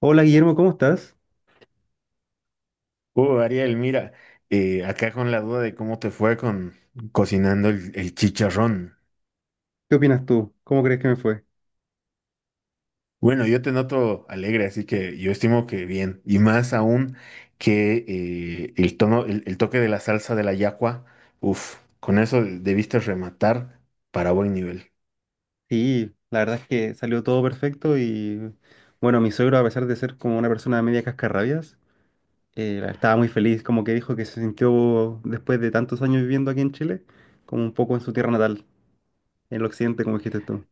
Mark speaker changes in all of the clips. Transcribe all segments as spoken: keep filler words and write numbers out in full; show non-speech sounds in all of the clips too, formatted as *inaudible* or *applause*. Speaker 1: Hola, Guillermo, ¿cómo estás?
Speaker 2: Uh, Ariel, mira, eh, acá con la duda de cómo te fue con cocinando el, el chicharrón.
Speaker 1: ¿Qué opinas tú? ¿Cómo crees que me fue?
Speaker 2: Bueno, yo te noto alegre, así que yo estimo que bien. Y más aún que eh, el tono, el, el toque de la salsa de la yacua, uff, con eso debiste rematar para buen nivel.
Speaker 1: Sí, la verdad es que salió todo perfecto y bueno, mi suegro, a pesar de ser como una persona media cascarrabias, eh, estaba muy feliz, como que dijo que se sintió después de tantos años viviendo aquí en Chile, como un poco en su tierra natal, en el occidente, como dijiste tú.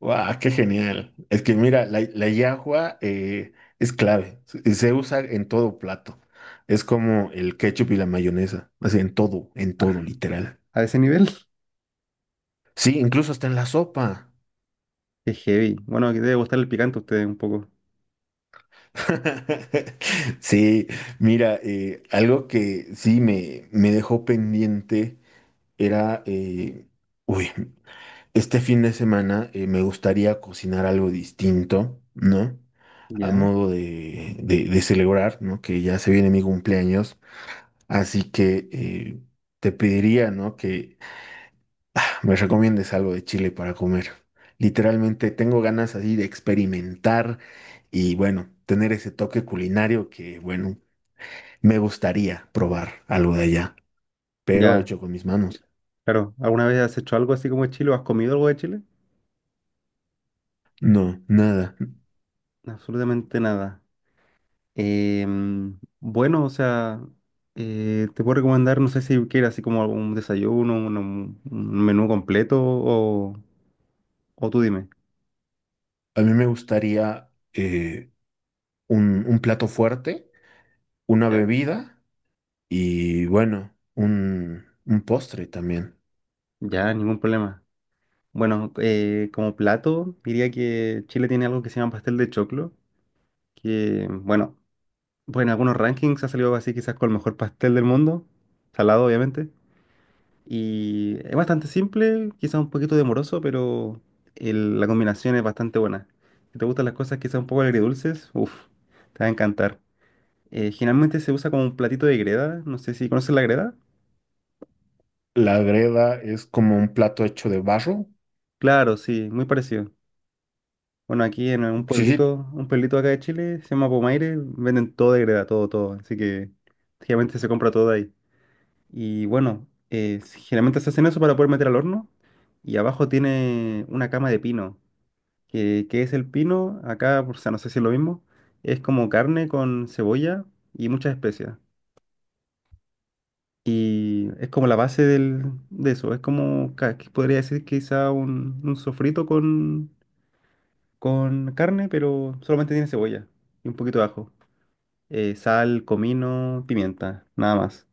Speaker 2: ¡Guau! ¡Qué genial! Es que mira, la, la yacua eh, es clave. Se se usa en todo plato. Es como el ketchup y la mayonesa. Así en todo, en
Speaker 1: Ah,
Speaker 2: todo, literal.
Speaker 1: a ese nivel,
Speaker 2: Sí, incluso está en la sopa.
Speaker 1: *laughs* es heavy. Bueno, que debe gustar el picante a ustedes un poco.
Speaker 2: *laughs* Sí, mira, eh, algo que sí me, me dejó pendiente era, eh, uy, este fin de semana eh, me gustaría cocinar algo distinto, ¿no? A
Speaker 1: Ya,
Speaker 2: modo de, de- de celebrar, ¿no? Que ya se viene mi cumpleaños, así que eh, te pediría, ¿no? Me recomiendes algo de Chile para comer. Literalmente tengo ganas así de experimentar y bueno, tener ese toque culinario que bueno, me gustaría probar algo de allá, pero
Speaker 1: ya,
Speaker 2: hecho con mis manos.
Speaker 1: claro. ¿Alguna vez has hecho algo así como de Chile o has comido algo de Chile?
Speaker 2: No, nada.
Speaker 1: Absolutamente nada. Em, bueno, o sea, eh, te puedo recomendar, no sé si quieres así como un desayuno, un, un- un menú completo o, o tú dime.
Speaker 2: A mí me gustaría eh, un, un plato fuerte, una
Speaker 1: Ya.
Speaker 2: bebida y bueno, un, un postre también.
Speaker 1: Ya, ningún problema. Bueno, eh, como plato, diría que Chile tiene algo que se llama pastel de choclo, que, bueno, pues en algunos rankings ha salido así quizás con el mejor pastel del mundo, salado obviamente. Y es bastante simple, quizás un poquito demoroso, pero el- la combinación es bastante buena. Si te gustan las cosas quizás un poco agridulces, uff, te va a encantar. Eh, generalmente se usa como un platito de greda, no sé si conoces la greda.
Speaker 2: La greda es como un plato hecho de barro.
Speaker 1: Claro, sí, muy parecido. Bueno, aquí en un
Speaker 2: Sí, sí.
Speaker 1: pueblito, un pueblito acá de Chile, se llama Pomaire, venden todo de greda, todo, todo. Así que generalmente se compra todo de ahí. Y bueno, eh, generalmente se hacen eso para poder meter al horno. Y abajo tiene una cama de pino. que, que es el pino, acá, o sea, no sé si es lo mismo, es como carne con cebolla y muchas especias. Y es como la base del, de eso, es como, ca- que podría decir quizá un, un sofrito con, con carne, pero solamente tiene cebolla y un poquito de ajo, eh, sal, comino, pimienta, nada más.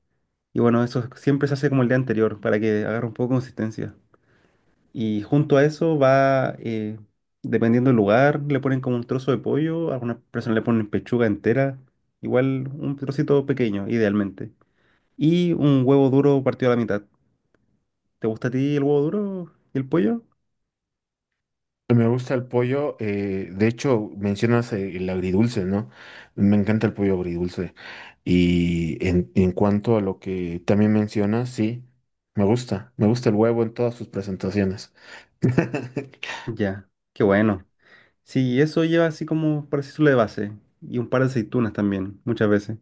Speaker 1: Y bueno, eso siempre se hace como el día anterior para que agarre un poco de consistencia. Y junto a eso va, eh, dependiendo del lugar, le ponen como un trozo de pollo, algunas personas le ponen pechuga entera, igual un trocito pequeño, idealmente. Y un huevo duro partido a la mitad. ¿Te gusta a ti el huevo duro y el pollo?
Speaker 2: Me gusta el pollo, eh, de hecho mencionas eh, el agridulce, ¿no? Me encanta el pollo agridulce. Y en, en cuanto a lo que también mencionas, sí, me gusta, me gusta el huevo en todas sus presentaciones. *laughs*
Speaker 1: Ya, qué bueno. Sí, eso lleva así como para decirlo de base. Y un par de aceitunas también, muchas veces.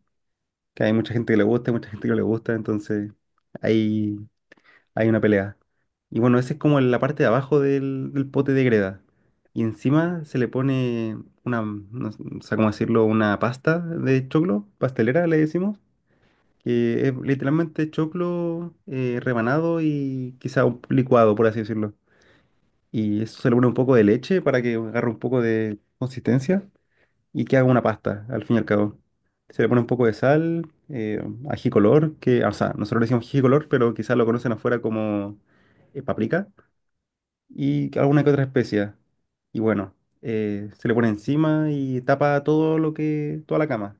Speaker 1: Que hay mucha gente que le gusta y mucha gente que no le gusta, entonces ahí hay una pelea. Y bueno, esa es como la parte de abajo del, del pote de greda. Y encima se le pone una, no s- no sé cómo decirlo, una pasta de choclo, pastelera le decimos, que es literalmente choclo eh, rebanado y quizá un licuado, por así decirlo. Y eso se le pone un poco de leche para que agarre un poco de consistencia y que haga una pasta, al fin y al cabo. Se le pone un poco de sal, eh, ají color, que, o sea, nosotros le decimos ají color, pero quizás lo conocen afuera como eh, paprika, y alguna que otra especia. Y bueno, eh, se le pone encima y tapa todo lo que, toda la cama.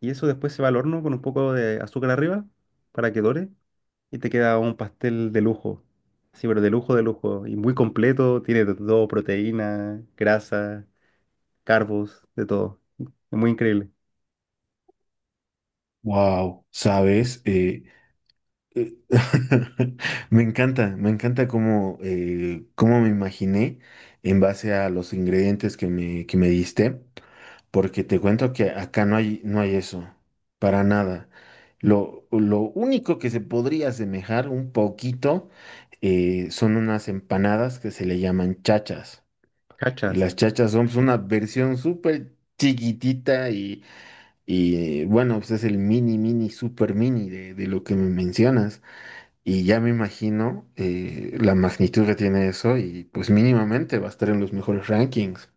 Speaker 1: Y eso después se va al horno con un poco de azúcar arriba para que dore y te queda un pastel de lujo. Sí, pero de lujo, de lujo. Y muy completo, tiene de todo, proteína, grasa, carbos, de todo. Es muy increíble.
Speaker 2: Wow, ¿sabes? Eh, eh, *laughs* me encanta, me encanta cómo, eh, cómo me imaginé en base a los ingredientes que me, que me diste. Porque te cuento que acá no hay, no hay eso, para nada. Lo, lo único que se podría asemejar un poquito eh, son unas empanadas que se le llaman chachas. Y
Speaker 1: Cachas.
Speaker 2: las chachas son pues, una versión súper chiquitita y, y bueno, pues es el mini, mini, super mini de, de lo que me mencionas. Y ya me imagino eh, la magnitud que tiene eso y pues mínimamente va a estar en los mejores rankings.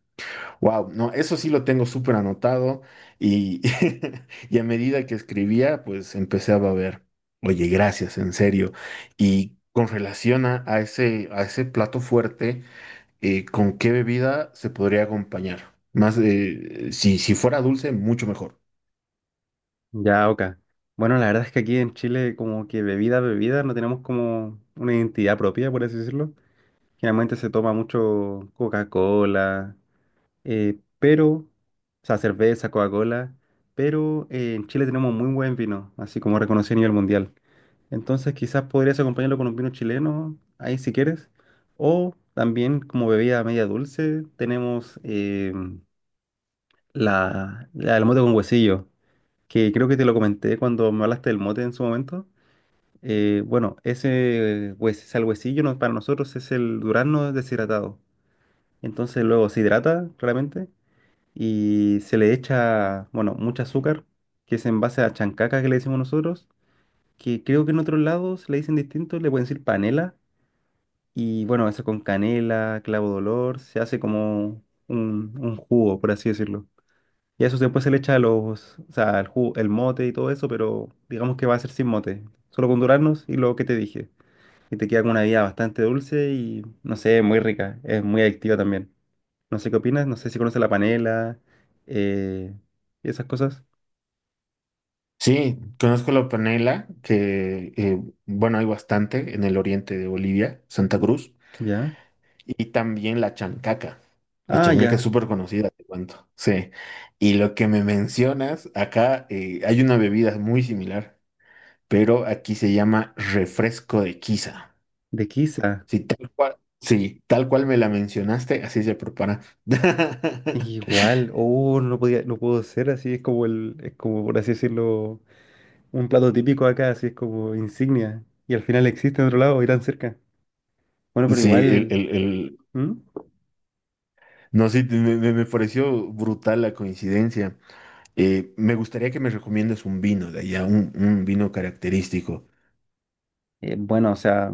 Speaker 2: Wow, no, eso sí lo tengo súper anotado y, *laughs* y a medida que escribía, pues empecé a ver, oye, gracias, en serio. Y con relación a, a ese, a ese plato fuerte, eh, ¿con qué bebida se podría acompañar? Más, eh, si, si fuera dulce, mucho mejor.
Speaker 1: Ya, oka. Bueno, la verdad es que aquí en Chile como que bebida, bebida, no tenemos como una identidad propia, por así decirlo. Generalmente se toma mucho Coca-Cola, eh, pero, o sea, cerveza, Coca-Cola, pero eh, en Chile tenemos muy buen vino, así como reconocido a nivel mundial. Entonces quizás podrías acompañarlo con un vino chileno, ahí si quieres. O también como bebida media dulce tenemos eh, la, la, el mote con huesillo. Que creo que te lo comenté cuando me hablaste del mote en su momento. Eh, bueno, ese pues, salhuecillo no- para nosotros es el durazno deshidratado. Entonces luego se hidrata claramente y se le echa, bueno, mucho azúcar, que es en base a chancaca que le decimos nosotros, que creo que en otros lados le dicen distinto, le pueden decir panela. Y bueno, eso con canela, clavo de olor, se hace como un, un jugo, por así decirlo. Y a eso después se le echa los, o sea, el ju- el mote y todo eso, pero digamos que va a ser sin mote, solo con duraznos y lo que te dije. Y te queda con una bebida bastante dulce y, no sé, muy rica, es muy adictiva también. No sé qué opinas, no sé si conoces la panela, eh, y esas cosas.
Speaker 2: Sí, conozco la panela, que, eh, bueno, hay bastante en el oriente de Bolivia, Santa Cruz.
Speaker 1: ¿Ya?
Speaker 2: Y también la chancaca. La
Speaker 1: Ah,
Speaker 2: chancaca es
Speaker 1: ya,
Speaker 2: súper conocida, te cuento. Sí. Y lo que me mencionas, acá eh, hay una bebida muy similar, pero aquí se llama refresco de quiza.
Speaker 1: de quizá.
Speaker 2: Sí, tal cual. Sí, tal cual me la mencionaste, así se prepara. *laughs*
Speaker 1: Igual, oh, no podía, no puedo ser así, es como el, es como por así decirlo, un plato típico acá, así es como insignia. Y al final existe en otro lado y tan cerca. Bueno, pero
Speaker 2: Sí, el,
Speaker 1: igual.
Speaker 2: el- el-
Speaker 1: ¿Mm?
Speaker 2: no, sí, me, me- me pareció brutal la coincidencia. Eh, me gustaría que me recomiendes un vino de allá, un, un vino característico.
Speaker 1: Eh, bueno, o sea,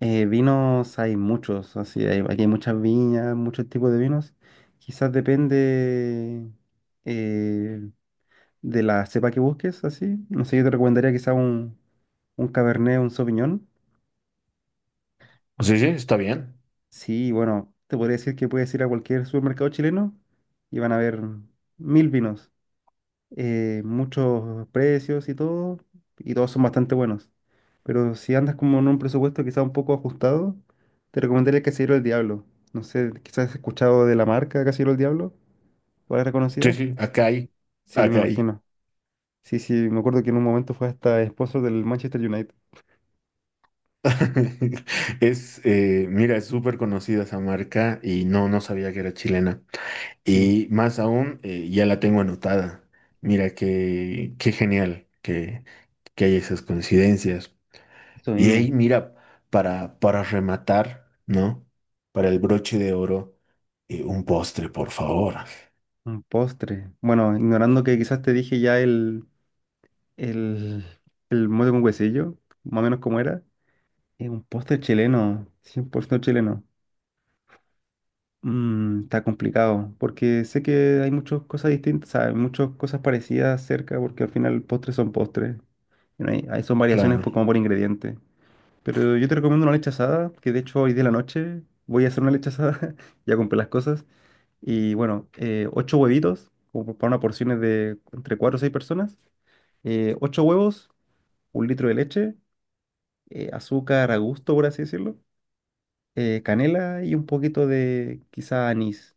Speaker 1: eh, vinos hay muchos, así hay, aquí hay muchas viñas, muchos tipos de vinos. Quizás depende eh, de la cepa que busques, así. No sé, yo te recomendaría quizás un, un Cabernet, un Sauvignon.
Speaker 2: Sí, sí, está bien.
Speaker 1: Sí, bueno, te podría decir que puedes ir a cualquier supermercado chileno y van a ver mil vinos. Eh, muchos precios y todo, y todos son bastante buenos. Pero si andas como en un presupuesto quizá un poco ajustado, te recomendaría el Casillero del Diablo. No sé, quizás has escuchado de la marca Casillero del Diablo, ¿cuál es
Speaker 2: Sí,
Speaker 1: reconocida?
Speaker 2: sí, acá hay,
Speaker 1: Sí, me
Speaker 2: acá hay.
Speaker 1: imagino. Sí, sí, me acuerdo que en un momento fue hasta esposo del Manchester United.
Speaker 2: *laughs* Es, eh, mira, es súper conocida esa marca y no, no sabía que era chilena.
Speaker 1: Sí,
Speaker 2: Y más aún, eh, ya la tengo anotada. Mira, qué, qué genial que, que hay esas coincidencias.
Speaker 1: eso
Speaker 2: Y ahí,
Speaker 1: mismo,
Speaker 2: mira, para, para rematar, ¿no? Para el broche de oro, eh, un postre, por favor.
Speaker 1: un postre. Bueno, ignorando que quizás te dije ya el, el, el mote con huesillo, más o menos como era, es un postre chileno, cien por ciento chileno. Mm, está complicado, porque sé que hay muchas cosas distintas, o sea, hay muchas cosas parecidas cerca, porque al final postres son postres. Y no hay- hay- son variaciones
Speaker 2: Claro.
Speaker 1: por, como por ingrediente. Pero yo te recomiendo una leche asada, que de hecho hoy de la noche voy a hacer una leche asada, *laughs* ya compré las cosas. Y bueno, eh, ocho huevitos, como para una porción de entre cuatro o seis personas. Eh, ocho huevos, un litro de leche, eh, azúcar a gusto, por así decirlo. Eh, canela y un poquito de quizá anís.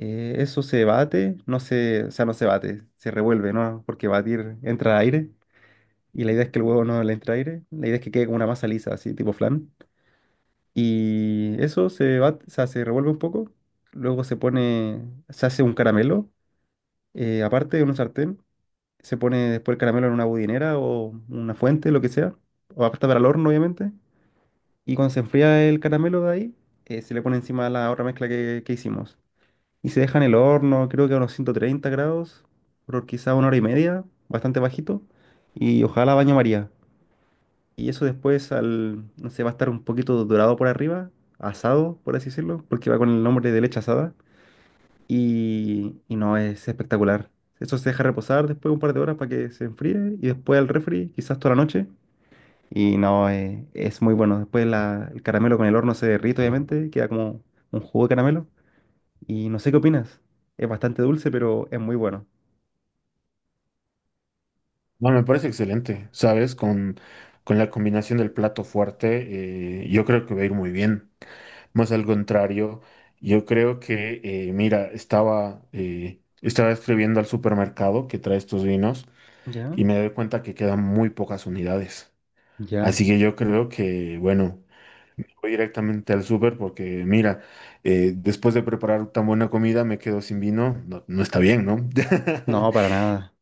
Speaker 1: Eh, eso se bate, no se, o sea, no se bate, se revuelve, ¿no? Porque batir entra aire y la idea es que el huevo no le entre aire, la idea es que quede como una masa lisa, así, tipo flan. Y eso se bate, o sea, se revuelve un poco, luego se pone, se hace un caramelo, eh, aparte de un sartén, se pone después el caramelo en una budinera o una fuente, lo que sea, o aparte para el horno, obviamente. Y cuando se enfría el caramelo de ahí, eh, se le pone encima la otra mezcla que que hicimos. Y se deja en el horno, creo que a unos ciento treinta grados, por quizá una hora y media, bastante bajito. Y ojalá baño María. Y eso después al, no sé, va a estar un poquito dorado por arriba, asado, por así decirlo, porque va con el nombre de leche asada. Y, y no, es espectacular. Eso se deja reposar después un par de horas para que se enfríe y después al refri, quizás toda la noche. Y no, eh, es muy bueno. Después la- el caramelo con el horno se derrite, obviamente, queda como un jugo de caramelo. Y no sé qué opinas. Es bastante dulce, pero es muy bueno.
Speaker 2: No, me parece excelente, ¿sabes? Con, con la combinación del plato fuerte, eh, yo creo que va a ir muy bien. Más al contrario, yo creo que, eh, mira, estaba, eh, estaba escribiendo al supermercado que trae estos vinos
Speaker 1: ¿Ya?
Speaker 2: y me doy cuenta que quedan muy pocas unidades.
Speaker 1: Ya.
Speaker 2: Así que yo creo que, bueno, voy directamente al súper porque, mira, eh, después de preparar tan buena comida me quedo sin vino, no, no está bien, ¿no?
Speaker 1: No, para
Speaker 2: *laughs*
Speaker 1: nada.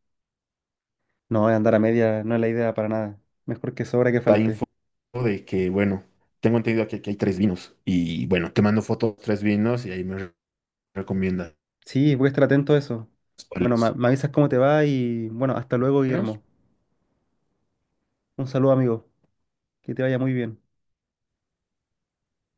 Speaker 1: No, andar a media no es la idea para nada. Mejor que sobra que
Speaker 2: La
Speaker 1: falte.
Speaker 2: info de que, bueno, tengo entendido que aquí hay tres vinos y bueno, te mando fotos de tres vinos y ahí me re- recomiendas
Speaker 1: Sí, voy a estar atento a eso. Bueno, ma-
Speaker 2: cuáles.
Speaker 1: me avisas cómo te va y bueno, hasta luego, Guillermo. Un saludo, amigo. Que te vaya muy bien.